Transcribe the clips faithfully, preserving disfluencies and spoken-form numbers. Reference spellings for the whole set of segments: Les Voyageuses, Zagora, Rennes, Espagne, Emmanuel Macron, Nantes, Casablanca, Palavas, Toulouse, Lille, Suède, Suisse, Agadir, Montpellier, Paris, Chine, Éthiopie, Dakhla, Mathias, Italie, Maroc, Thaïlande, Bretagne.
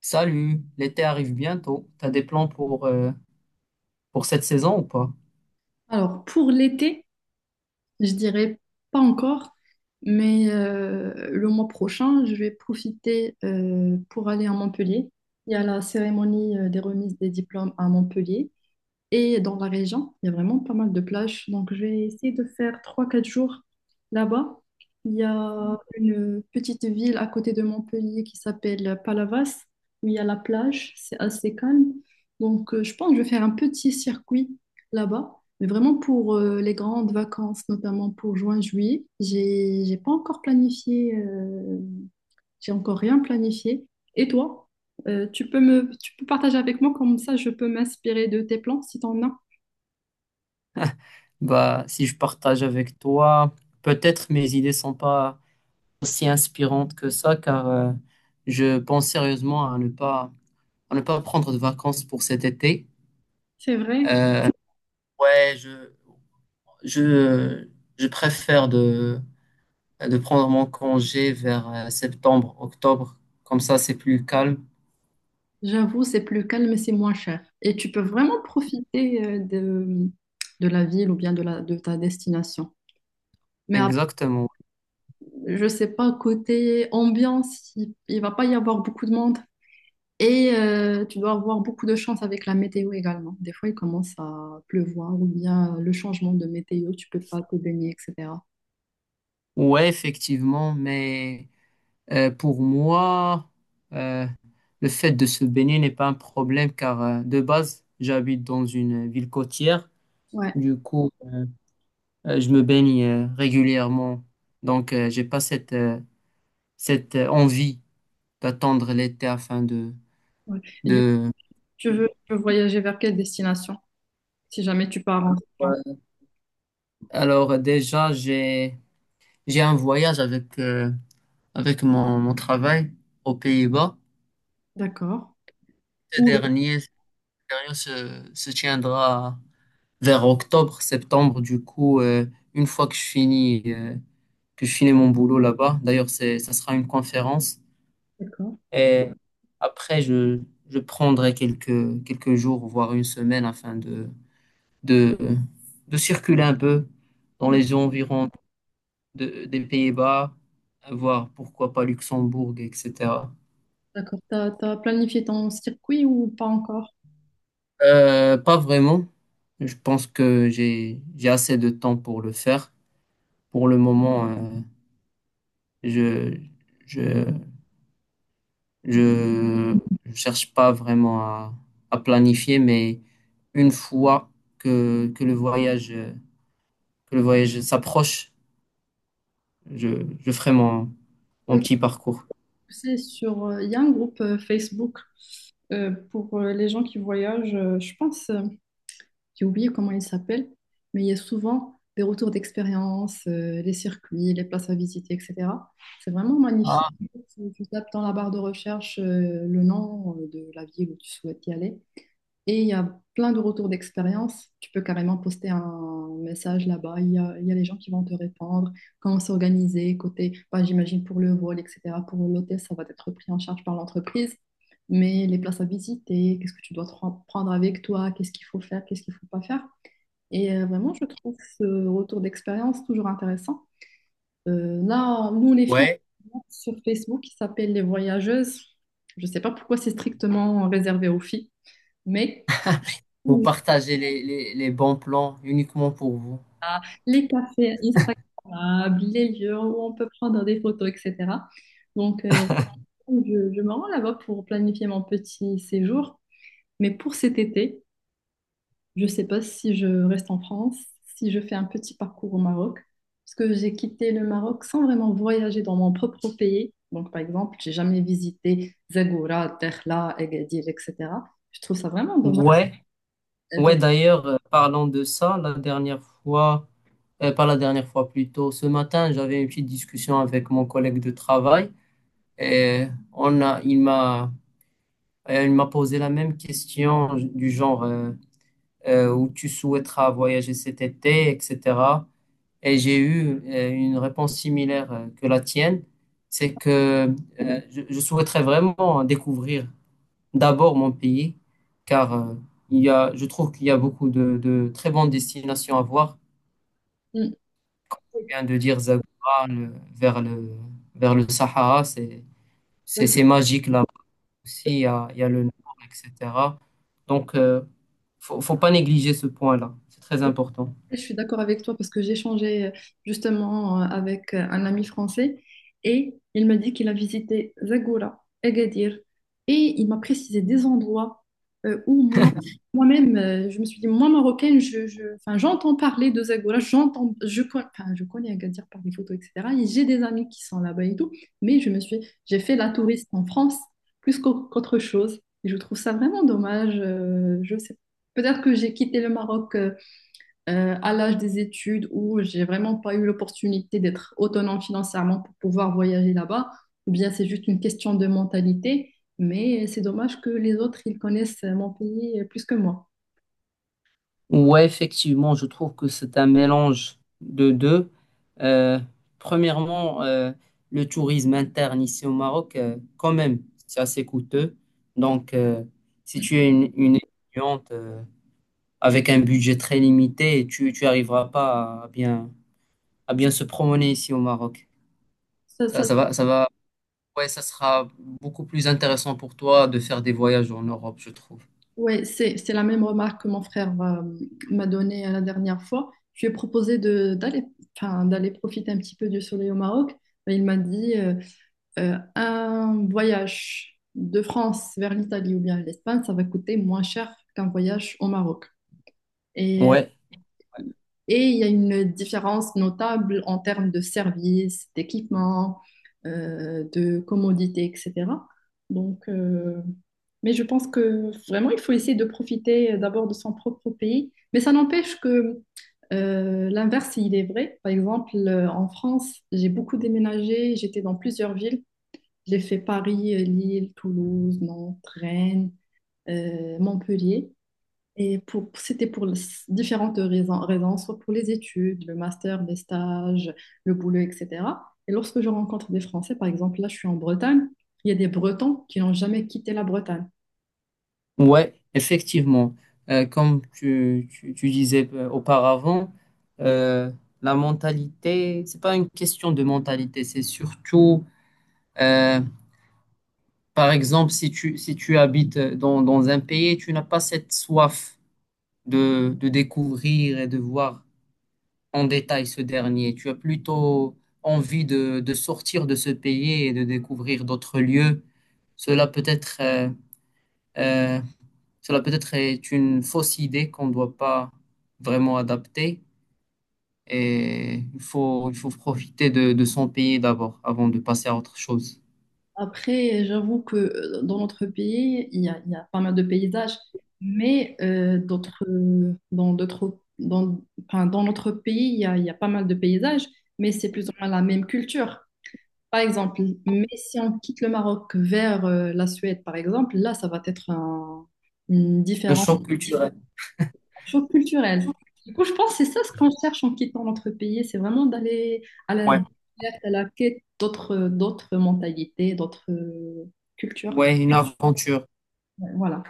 Salut, l'été arrive bientôt. T'as des plans pour, euh, pour cette saison ou pas? Alors, pour l'été, je dirais pas encore, mais euh, le mois prochain, je vais profiter euh, pour aller à Montpellier. Il y a la cérémonie euh, des remises des diplômes à Montpellier. Et dans la région, il y a vraiment pas mal de plages. Donc, je vais essayer de faire trois quatre jours là-bas. Il y a une petite ville à côté de Montpellier qui s'appelle Palavas, où il y a la plage. C'est assez calme. Donc, euh, je pense que je vais faire un petit circuit là-bas. Mais vraiment pour euh, les grandes vacances, notamment pour juin-juillet, j'ai, j'ai pas encore planifié euh, j'ai encore rien planifié. Et toi, Euh, tu peux me, tu peux partager avec moi comme ça, je peux m'inspirer de tes plans si t'en as. Bah, si je partage avec toi, peut-être mes idées sont pas aussi inspirantes que ça, car euh, je pense sérieusement à ne pas, à ne pas prendre de vacances pour cet été. C'est vrai. Euh, ouais, je, je, je préfère de, de prendre mon congé vers euh, septembre, octobre. Comme ça, c'est plus calme. J'avoue, c'est plus calme, c'est moins cher. Et tu peux vraiment profiter euh, de, de la ville ou bien de, la, de ta destination. Mais ap- Exactement. je sais pas, côté ambiance, il, il va pas y avoir beaucoup de monde. Et euh, tu dois avoir beaucoup de chance avec la météo également. Des fois, il commence à pleuvoir ou bien le changement de météo, tu peux pas te baigner, et cetera. Ouais, effectivement, mais Euh, pour moi, euh, le fait de se baigner n'est pas un problème car euh, de base, j'habite dans une ville côtière. Ouais. Du coup, euh, euh, je me baigne euh, régulièrement. Donc, euh, j'ai pas cette, euh, cette euh, envie d'attendre l'été afin de, ouais. Et du de... Tu veux, tu veux voyager vers quelle destination? Si jamais tu pars en Thaïlande. Ouais. Alors, euh, déjà, j'ai, j'ai un voyage avec, euh, avec mon, mon travail aux Pays-Bas. D'accord. Ce Ou dernier, ce dernier se, se tiendra vers octobre, septembre. Du coup, euh, une fois que je finis, euh, que je finis mon boulot là-bas, d'ailleurs, c'est, ça sera une conférence. D'accord. Et après, je, je prendrai quelques, quelques jours, voire une semaine, afin de, de, de circuler un peu dans les environs de- des Pays-Bas, voir pourquoi pas Luxembourg, et cetera. D'accord. T'as, t'as planifié ton circuit ou pas encore? Euh, pas vraiment. Je pense que j'ai j'ai assez de temps pour le faire. Pour le moment, euh, je, je Je ne cherche pas vraiment à, à planifier, mais une fois que, que le voyage, euh, que le voyage s'approche, je, je ferai mon, mon Ouais, petit parcours. c'est sur, euh, Il y a un groupe euh, Facebook euh, pour euh, les gens qui voyagent. Euh, je pense, euh, j'ai oublié comment il s'appelle, mais il y a souvent des retours d'expérience, euh, les circuits, les places à visiter, et cetera. C'est vraiment magnifique. Ah, Tu, tu tapes dans la barre de recherche euh, le nom euh, de la ville où tu souhaites y aller. Et il y a plein de retours d'expérience. Tu peux carrément poster un message là-bas. Il y a, il y a les gens qui vont te répondre. Comment s'organiser côté, bah, j'imagine pour le vol, et cetera. Pour l'hôtel, ça va être pris en charge par l'entreprise. Mais les places à visiter, qu'est-ce que tu dois te prendre avec toi, qu'est-ce qu'il faut faire, qu'est-ce qu'il ne faut pas faire. Et euh, vraiment, je trouve ce retour d'expérience toujours intéressant. Euh, là, nous, les filles, on a ouais. un groupe sur Facebook qui s'appelle Les Voyageuses. Je ne sais pas pourquoi c'est strictement réservé aux filles, mais... Vous partagez les, les, les bons plans uniquement pour vous. Ah, les cafés Instagrammables, les lieux où on peut prendre des photos, et cetera. Donc, euh, je, je me rends là-bas pour planifier mon petit séjour. Mais pour cet été, je ne sais pas si je reste en France, si je fais un petit parcours au Maroc, parce que j'ai quitté le Maroc sans vraiment voyager dans mon propre pays. Donc, par exemple, j'ai jamais visité Zagora, Dakhla, Agadir, et cetera. Je trouve ça vraiment dommage. Ouais, Et ouais, donc, d'ailleurs, euh, parlant de ça, la dernière fois, euh, pas la dernière fois, plutôt, ce matin, j'avais une petite discussion avec mon collègue de travail et on a, il m'a Euh, il m'a posé la même question du genre euh, euh, où tu souhaiteras voyager cet été, et cetera. Et j'ai eu euh, une réponse similaire euh, que la tienne. C'est que euh, je, je souhaiterais vraiment découvrir d'abord mon pays, car euh, il y a, je trouve qu'il y a beaucoup de, de très bonnes destinations à voir. Comme tu viens de dire, Zagora, le- vers le, vers le Sahara, c'est, c'est hmm, c'est magique là. Aussi, il y a, il y a le nord, et cetera. Donc, euh, faut, faut pas négliger ce point-là. C'est très important. je suis d'accord avec toi parce que j'ai échangé euh, justement euh, avec euh, un ami français et il m'a dit qu'il a visité Zagora, Agadir, et il m'a précisé des endroits euh, où moi, moi-même, euh, je me suis dit, moi marocaine, je, je- enfin, j'entends parler de Zagora, j'entends, je, con- enfin, je connais Agadir par des photos, et cetera. Et j'ai des amis qui sont là-bas et tout, mais je me suis, j'ai fait la touriste en France plus qu'au- qu'autre chose, et je trouve ça vraiment dommage. Euh, je sais, peut-être que j'ai quitté le Maroc euh, euh, à l'âge des études où j'ai vraiment pas eu l'opportunité d'être autonome financièrement pour pouvoir voyager là-bas, ou bien c'est juste une question de mentalité, mais c'est dommage que les autres, ils connaissent mon pays plus que moi. Ouais, effectivement, je trouve que c'est un mélange de deux. Euh, Premièrement, euh, le tourisme interne ici au Maroc, euh, quand même, c'est assez coûteux. Donc, euh, si Mm. tu es une, une étudiante euh, avec un budget très limité, tu, tu arriveras pas à bien, à bien se promener ici au Maroc. Ça, Ça, ça- ça va, ça va Ouais, ça sera beaucoup plus intéressant pour toi de faire des voyages en Europe, je trouve. ouais, c'est, c'est la même remarque que mon frère euh, m'a donnée euh, la dernière fois. Je lui ai proposé de, d'aller, enfin, d'aller profiter un petit peu du soleil au Maroc. Et il m'a dit, euh, Euh, un voyage de France vers l'Italie ou bien l'Espagne, ça va coûter moins cher qu'un voyage au Maroc. Et, Ouais, et il y a une différence notable en termes de services, d'équipements, euh, de commodités, et cetera. Donc, euh, mais je pense que vraiment, il faut essayer de profiter d'abord de son propre pays. Mais ça n'empêche que euh, l'inverse, il est vrai. Par exemple, euh, en France, j'ai beaucoup déménagé, j'étais dans plusieurs villes. J'ai fait Paris, euh, Lille, Toulouse, Nantes, Rennes, euh, Montpellier. Et pour, c'était pour les- différentes raisons, raisons, soit pour les études, le master, les stages, le boulot, et cetera. Et lorsque je rencontre des Français, par exemple, là, je suis en Bretagne, il y a des Bretons qui n'ont jamais quitté la Bretagne. ouais, effectivement. Euh, comme tu, tu, tu disais euh, auparavant, euh, la mentalité, c'est pas une question de mentalité, c'est surtout, euh, par exemple, si tu, si tu habites dans, dans un pays, tu n'as pas cette soif de, de découvrir et de voir en détail ce dernier? Tu as plutôt envie de, de sortir de ce pays et de découvrir d'autres lieux. Cela peut être, euh, euh, cela peut être est une fausse idée qu'on ne doit pas vraiment adapter. Et il faut, il faut profiter de, de son pays d'abord avant de passer à autre chose. Après, j'avoue que euh, dans notre pays, il y a, il y a pas mal de paysages, mais euh, d'autres, euh, dans d'autres, dans, enfin, dans notre pays, il y a, il y a pas mal de paysages, mais c'est plus ou moins la même culture. Par exemple, mais si on quitte le Maroc vers euh, la Suède, par exemple, là, ça va être un- une Le différence, choc culturel. un choc culturel. Du coup, je pense que c'est ça ce qu'on cherche en quittant notre pays, c'est vraiment d'aller à la Ouais. découverte, à la quête d'autres, d'autres, mentalités, d'autres euh, cultures. Ouais, une aventure. Ouais, voilà.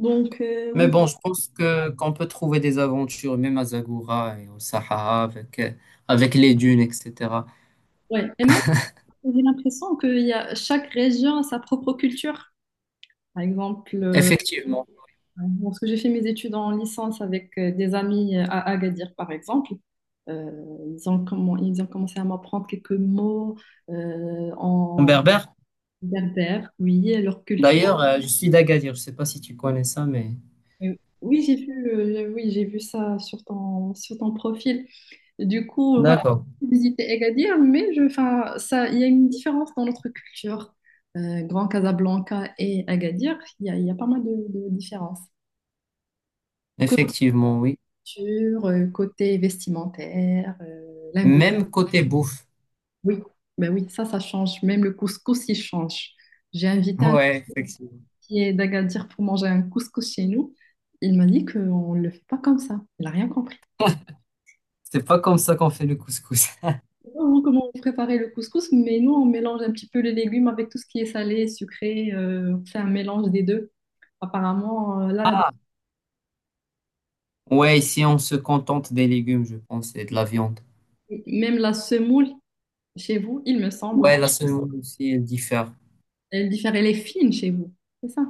Donc, euh, Mais oui. bon, je pense que qu'on peut trouver des aventures, même à Zagora et au Sahara, avec, euh, avec les dunes, et cetera. Ouais. Et même, j'ai l'impression que y a, chaque région a sa propre culture. Par exemple, euh, Effectivement. bon, parce que j'ai fait mes études en licence avec euh, des amis à Agadir, par exemple. Euh, ils ont, comment, ils ont commencé à m'apprendre quelques mots euh, En en berbère? berbère, oui, et leur culture. D'ailleurs, euh, je suis d'Agadir. Je sais pas si tu connais ça, mais Euh, oui, j'ai vu, euh, oui, j'ai vu ça sur ton, sur ton profil. Du coup, euh, voilà, d'accord. j'ai visité Agadir, mais je, enfin, ça, il y a une différence dans notre culture. Euh, Grand Casablanca et Agadir, il y a, il y a pas mal de, de différences. Effectivement, oui. Culture, euh, côté vestimentaire, euh, linguistique. Même côté bouffe. Oui, ben oui, ça, ça change. Même le couscous, il change. J'ai invité un Ouais, effectivement. ami d'Agadir pour manger un couscous chez nous. Il m'a dit qu'on ne le fait pas comme ça. Il n'a rien compris. C'est pas comme ça qu'on fait le couscous. Vraiment, comment on préparait le couscous, mais nous, on mélange un petit peu les légumes avec tout ce qui est salé, sucré. Euh, on fait un mélange des deux. Apparemment, euh, là, la- Ouais, ici, on se contente des légumes, je pense, et de la viande. même la semoule, chez vous, il me semble, hein, Ouais, la semoule aussi, elle diffère. elle diffère, elle est fine chez vous. C'est ça.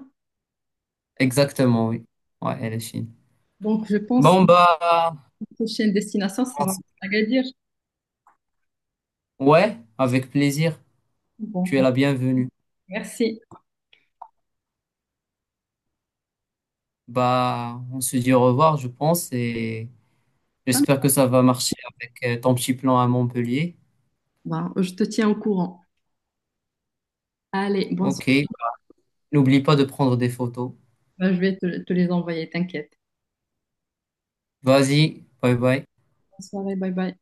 Exactement, oui. Ouais, elle est fine. Donc, je pense que Bon, bah, la prochaine destination sera Agadir. ouais, avec plaisir. Bon, Tu es bon, la bienvenue. merci. Bah, on se dit au revoir, je pense, et j'espère que ça va marcher avec euh, ton petit plan à Montpellier. Bah, je te tiens au courant. Allez, bonne soirée. Ok. N'oublie pas de prendre des photos. Bah, je vais te, te les envoyer, t'inquiète. Vas-y, bye bye. Bonne soirée, bye bye.